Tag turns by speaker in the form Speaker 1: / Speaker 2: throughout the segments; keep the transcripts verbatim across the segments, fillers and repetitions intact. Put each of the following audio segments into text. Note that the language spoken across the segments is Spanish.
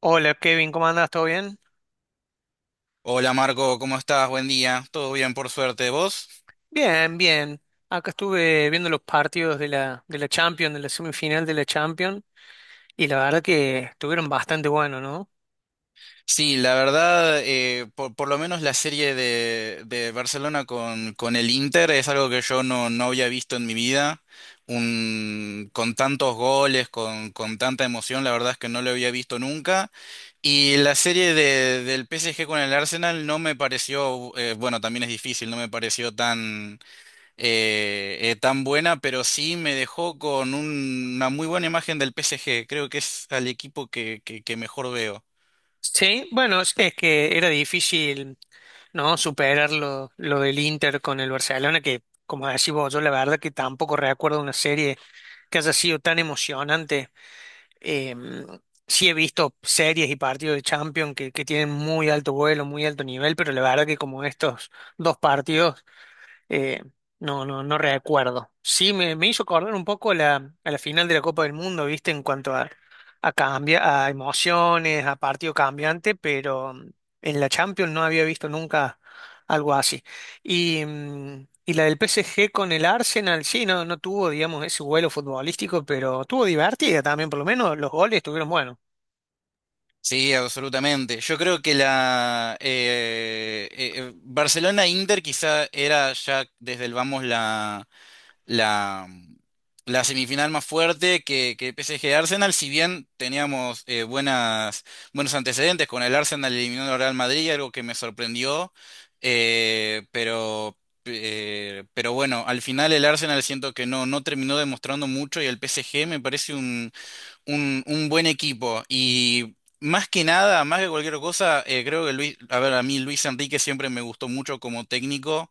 Speaker 1: Hola Kevin, ¿cómo andás? ¿Todo bien?
Speaker 2: Hola Marco, ¿cómo estás? Buen día. ¿Todo bien por suerte? ¿Vos?
Speaker 1: Bien, bien. Acá estuve viendo los partidos de la, de la Champions, de la semifinal de la Champions, y la verdad que estuvieron bastante buenos, ¿no?
Speaker 2: Sí, la verdad, eh, por, por lo menos la serie de, de Barcelona con, con el Inter es algo que yo no, no había visto en mi vida. Un, con tantos goles, con, con tanta emoción, la verdad es que no lo había visto nunca. Y la serie de, del P S G con el Arsenal no me pareció, eh, bueno, también es difícil, no me pareció tan eh, eh, tan buena, pero sí me dejó con un- una muy buena imagen del P S G. Creo que es al equipo que, que, que mejor veo.
Speaker 1: Sí, bueno, es es que era difícil, ¿no? Superar lo, lo del Inter con el Barcelona, que como decís vos, yo la verdad que tampoco recuerdo una serie que haya sido tan emocionante. Eh, sí he visto series y partidos de Champions que, que tienen muy alto vuelo, muy alto nivel, pero la verdad que como estos dos partidos Eh, no, no, no recuerdo. Sí, me, me hizo acordar un poco a la, a la final de la Copa del Mundo, ¿viste? En cuanto a, a, cambia, a emociones, a partido cambiante, pero mm, en la Champions no había visto nunca algo así. Y, mm, y la del P S G con el Arsenal, sí, no, no tuvo, digamos, ese vuelo futbolístico, pero tuvo divertida también, por lo menos los goles estuvieron buenos.
Speaker 2: Sí, absolutamente. Yo creo que la eh, eh, eh, Barcelona-Inter quizá era ya desde el vamos la, la semifinal más fuerte que, que P S G-Arsenal, si bien teníamos eh, buenas, buenos antecedentes con el Arsenal eliminando al Real Madrid, algo que me sorprendió, eh, pero, eh, pero bueno, al final el Arsenal siento que no, no terminó demostrando mucho y el P S G me parece un, un, un buen equipo y... Más que nada, más que cualquier cosa, eh, creo que Luis, a ver, a mí Luis Enrique siempre me gustó mucho como técnico.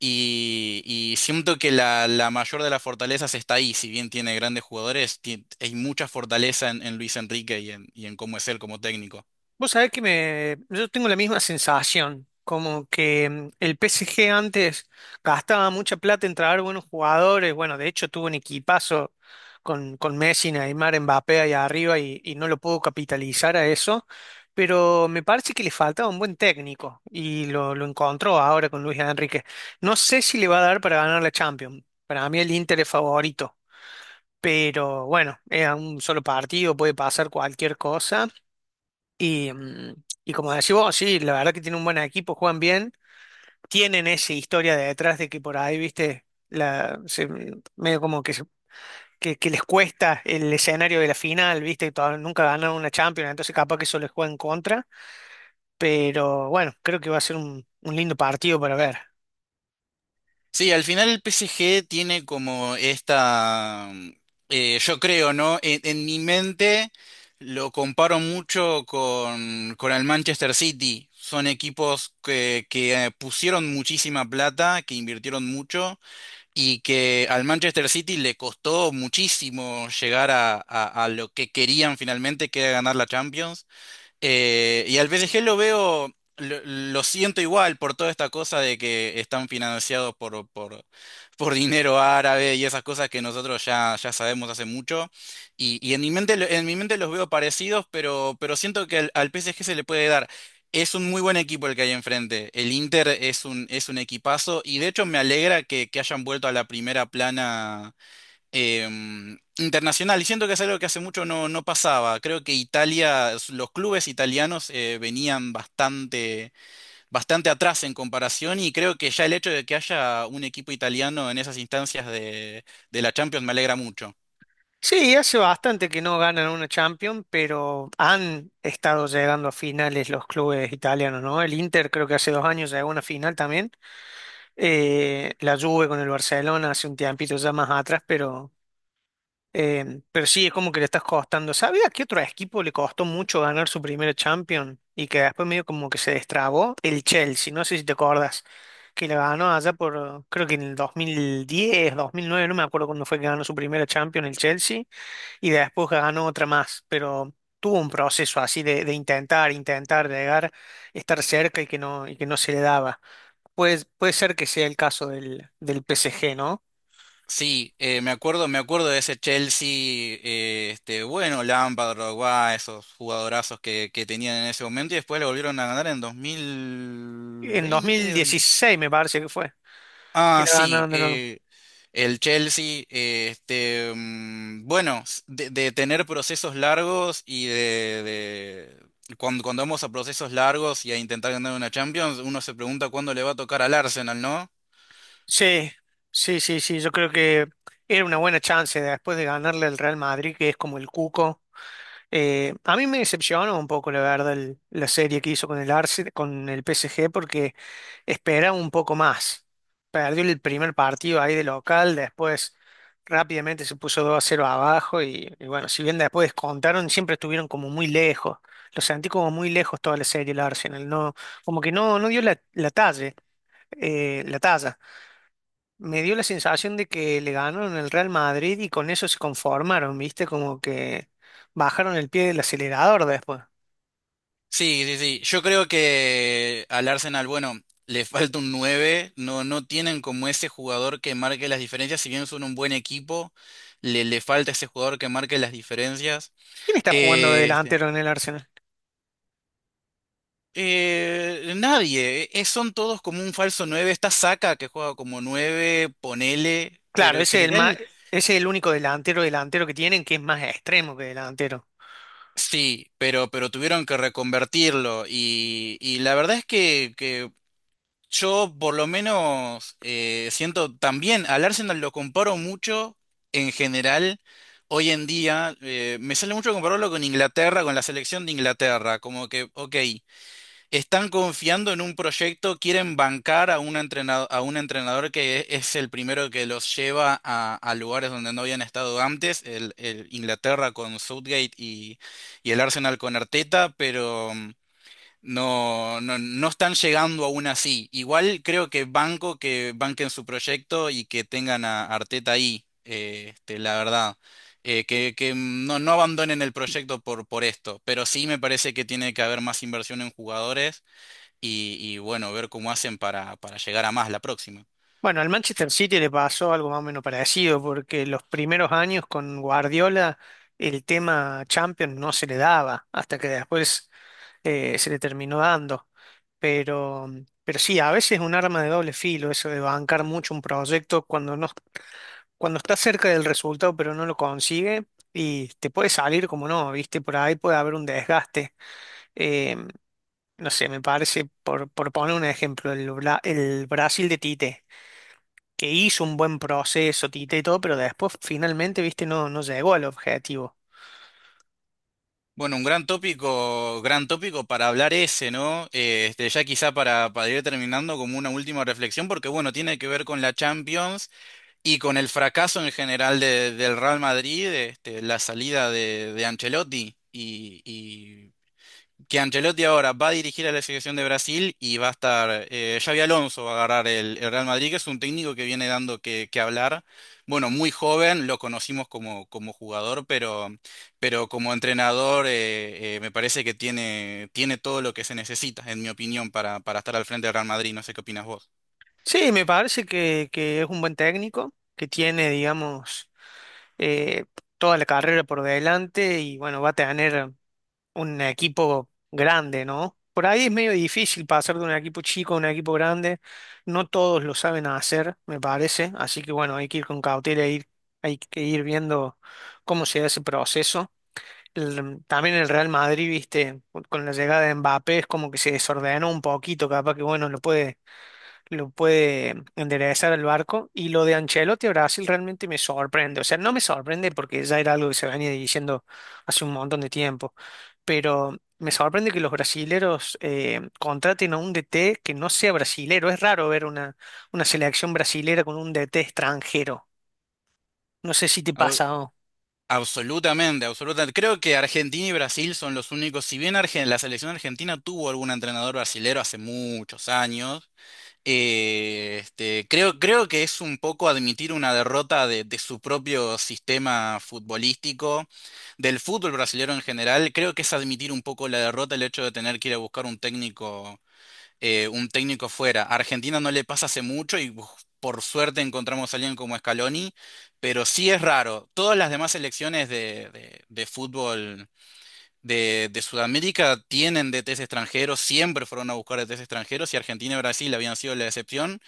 Speaker 2: Y, y siento que la, la mayor de las fortalezas está ahí, si bien tiene grandes jugadores, ti- hay mucha fortaleza en, en Luis Enrique y en, y en cómo es él como técnico.
Speaker 1: Vos sabés que me, yo tengo la misma sensación, como que mm, el P S G antes gastaba mucha plata en traer buenos jugadores, bueno, de hecho tuvo un equipazo con, con Messi, Neymar, Mbappé ahí arriba y, y no lo pudo capitalizar a eso, pero me parece que le faltaba un buen técnico y lo, lo encontró ahora con Luis Enrique. No sé si le va a dar para ganar la Champions, para mí el Inter es favorito. Pero bueno, es a un solo partido, puede pasar cualquier cosa y, mm, y como decís vos, sí, la verdad que tiene un buen equipo, juegan bien, tienen esa historia de detrás de que por ahí, viste, la, se- mm, medio como que, se- que, que les cuesta el escenario de la final, viste, todavía nunca ganaron una Champions, entonces capaz que eso les juega en contra, pero bueno, creo que va a ser un, un lindo partido para ver.
Speaker 2: Sí, al final el P S G tiene como esta, mm, eh, yo creo, ¿no? En, en mi mente lo comparo mucho con, con el Manchester City. Son equipos que, que eh, pusieron muchísima plata, que invirtieron mucho y que al Manchester City le costó muchísimo llegar a, a- a lo que querían finalmente, que era ganar la Champions. Eh, y al P S G lo veo, lo, lo siento igual por toda esta cosa de que están financiados por, por, por dinero árabe y esas cosas que nosotros ya, ya sabemos hace mucho. Y, y en mi mente, lo- en mi mente los veo parecidos, pero, pero siento que al, al P S G se le puede dar. Es un muy buen equipo el que hay enfrente. El Inter es un, es un equipazo y de hecho me alegra que, que hayan vuelto a la primera plana em, internacional. Y siento que es algo que hace mucho no, no pasaba. Creo que Italia, s- los clubes italianos eh, venían bastante, bastante atrás en comparación y creo que ya el hecho de que haya un equipo italiano en esas instancias de, de la Champions me alegra mucho.
Speaker 1: Sí, hace bastante que no ganan una Champions, pero han estado llegando a finales los clubes italianos, ¿no? El Inter creo que hace dos años llegó a una final también. Eh, la Juve con el Barcelona hace un tiempito ya más atrás, pero, eh, pero sí, es como que le estás costando. ¿Sabías qué otro equipo le costó mucho ganar su primera Champions y que después medio como que se destrabó? El Chelsea, no sé si te acuerdas, que le ganó allá por, creo que en el dos mil diez, dos mil nueve, no me acuerdo cuándo fue que ganó su primera Champions el Chelsea. Y después ganó otra más, pero tuvo un proceso así de, de intentar, intentar llegar, estar cerca y que no, y que no se le daba. Puede, puede ser que sea el caso del, del P S G, ¿no?
Speaker 2: Sí, eh, me acuerdo, me acuerdo de ese Chelsea, eh, este, bueno, Lampard, Drogba, esos jugadorazos que, que tenían en ese momento y después lo volvieron a ganar en dos mil
Speaker 1: En
Speaker 2: veinte
Speaker 1: dos mil dieciséis me parece que fue, que
Speaker 2: Ah,
Speaker 1: la
Speaker 2: sí,
Speaker 1: ganaron de nuevo.
Speaker 2: eh, el Chelsea, eh, este, mm, bueno, s- de, de tener procesos largos y de, de- cuando, cuando vamos a procesos largos y a intentar ganar una Champions, uno se pregunta cuándo le va a tocar al Arsenal, ¿no?
Speaker 1: Sí, sí, sí, sí, yo creo que era una buena chance después de ganarle al Real Madrid, que es como el cuco. Eh, a mí me decepcionó un poco, la verdad, el- la serie que hizo con el Arsenal, con el P S G, porque esperaba un poco más. Perdió el primer partido ahí de local, después rápidamente se puso dos a cero abajo y, y bueno, si bien después descontaron, siempre estuvieron como muy lejos. Lo sentí como muy lejos toda la serie el Arsenal, no, como que no, no dio la, la talla, eh, la talla. Me dio la sensación de que le ganaron el Real Madrid y con eso se conformaron, ¿viste? Como que bajaron el pie del acelerador después.
Speaker 2: Sí, sí, sí, yo creo que al Arsenal, bueno, le falta un nueve, no, no tienen como ese jugador que marque las diferencias, si bien son un buen equipo, le, le falta ese jugador que marque las diferencias.
Speaker 1: ¿Quién está jugando de
Speaker 2: eh, este,
Speaker 1: delantero en el Arsenal?
Speaker 2: Eh, nadie, eh, son todos como un falso nueve Está Saka que juega como nueve ponele, pero
Speaker 1: Claro,
Speaker 2: en
Speaker 1: ese es el ma-
Speaker 2: general.
Speaker 1: ese es el único delantero delantero que tienen que es más extremo que delantero.
Speaker 2: Sí, pero, pero tuvieron que reconvertirlo. Y, y la verdad es que, que yo por lo menos eh, siento también, al Arsenal lo comparo mucho en general. Hoy en día eh, me sale mucho compararlo con Inglaterra, con la selección de Inglaterra, como que, ok. Están confiando en un proyecto, quieren bancar a un entrenador, a un entrenador que e- es el primero que los lleva a, a lugares donde no habían estado antes, el, el Inglaterra con Southgate y, y el Arsenal con Arteta, pero mm, no, no, no están llegando aún así. Igual creo que banco que banquen su proyecto y que tengan a Arteta ahí, eh, este, la verdad. Eh, que, que mm, no, no abandonen el proyecto por, por esto, pero sí me parece que tiene que haber más inversión en jugadores y, y bueno, ver cómo hacen para, para llegar a más la próxima.
Speaker 1: Bueno, al Manchester City le pasó algo más o menos parecido, porque los primeros años con Guardiola el tema Champions no se le daba, hasta que después eh, se le terminó dando. Pero, pero sí, a veces es un arma de doble filo eso de bancar mucho un proyecto cuando no, cuando está cerca del resultado pero no lo consigue y te puede salir como no, ¿viste? Por ahí puede haber un desgaste. Eh, no sé, me parece, por, por poner un ejemplo, el, Bra- el Brasil de Tite, que hizo un buen proceso, Tite y todo, pero después finalmente, ¿viste? No, no llegó al objetivo.
Speaker 2: Bueno, un gran tópico, gran tópico para hablar ese, ¿no? Eh, Este, ya quizá para, para ir terminando como una última reflexión, porque bueno, tiene que ver con la Champions y con el fracaso en general de- del Real Madrid, este, la salida de, de Ancelotti y, que Ancelotti ahora va a dirigir a la selección de Brasil y va a estar, eh, Xabi Alonso va a agarrar el, el Real Madrid, que es un técnico que viene dando que, que hablar. Bueno, muy joven, lo conocimos como, como jugador, pero, pero como entrenador eh, eh, me parece que tiene, tiene todo lo que se necesita, en mi opinión, para, para estar al frente del Real Madrid. No sé qué opinas vos.
Speaker 1: Sí, me parece que, que es un buen técnico, que tiene, digamos, eh, toda la carrera por delante y bueno, va a tener un equipo grande, ¿no? Por ahí es medio difícil pasar de un equipo chico a un equipo grande. No todos lo saben hacer, me parece. Así que bueno, hay que ir con cautela, ir, hay que ir viendo cómo se da ese proceso. El- también el Real Madrid, viste, con la llegada de Mbappé es como que se desordenó un poquito, capaz que bueno, lo puede lo puede enderezar el barco. Y lo de Ancelotti a Brasil realmente me sorprende. O sea, no me sorprende porque ya era algo que se venía diciendo hace un montón de tiempo. Pero me sorprende que los brasileros eh, contraten a un D T que no sea brasilero. Es raro ver una, una selección brasilera con un D T extranjero. No sé si te
Speaker 2: Au-
Speaker 1: pasa.
Speaker 2: Absolutamente, absolutamente. Creo que Argentina y Brasil son los únicos, si bien Argen- la selección argentina tuvo algún entrenador brasilero hace muchos años. Eh, este, creo, creo que es un poco admitir una derrota de, de su propio sistema futbolístico, del fútbol brasileño en general. Creo que es admitir un poco la derrota el hecho de tener que ir a buscar un técnico, eh, un técnico fuera. A Argentina no le pasa hace mucho y uf, por suerte encontramos a alguien como Scaloni, pero sí es raro. Todas las demás selecciones de, de- de fútbol. De, de Sudamérica tienen D Ts extranjeros, siempre fueron a buscar D Ts extranjeros y Argentina y Brasil habían sido la excepción.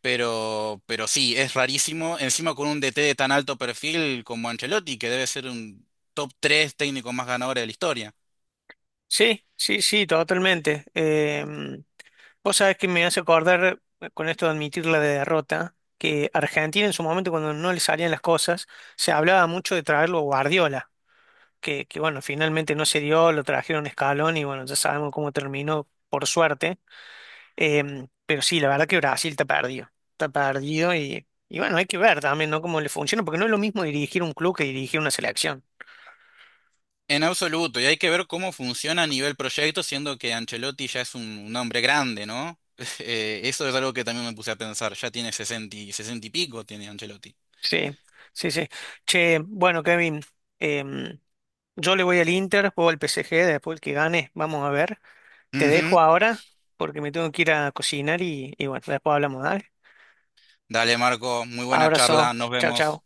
Speaker 2: Pero, pero sí, es rarísimo. Encima con un D T de tan alto perfil como Ancelotti, que debe ser un top tres técnico más ganador de la historia.
Speaker 1: Sí, sí, sí, totalmente. Em, vos sabés que me hace acordar, eh, con esto de admitir la derrota, que Argentina en su momento cuando no le salían las cosas, se hablaba mucho de traerlo a Guardiola, que, que bueno, finalmente no se dio, lo trajeron a Scaloni y bueno, ya sabemos cómo terminó, por suerte. Em, pero sí, la verdad que Brasil está perdido, está perdido y, y bueno, hay que ver también, ¿no? Cómo le funciona, porque no es lo mismo dirigir un club que dirigir una selección.
Speaker 2: En absoluto, y hay que ver cómo funciona a nivel proyecto, siendo que Ancelotti ya es un, un hombre grande, ¿no? Eh, eso es algo que también me puse a pensar. Ya tiene sesenta y, sesenta y pico, tiene Ancelotti.
Speaker 1: Sí, sí, sí. Che, bueno, Kevin, em, yo le voy al Inter, juego al P S G, después el que gane, vamos a ver. Te dejo
Speaker 2: Ujú.
Speaker 1: ahora porque me tengo que ir a cocinar y, y bueno, después hablamos, dale.
Speaker 2: Dale, Marco, muy buena
Speaker 1: Abrazo,
Speaker 2: charla, nos
Speaker 1: chao,
Speaker 2: vemos.
Speaker 1: chao.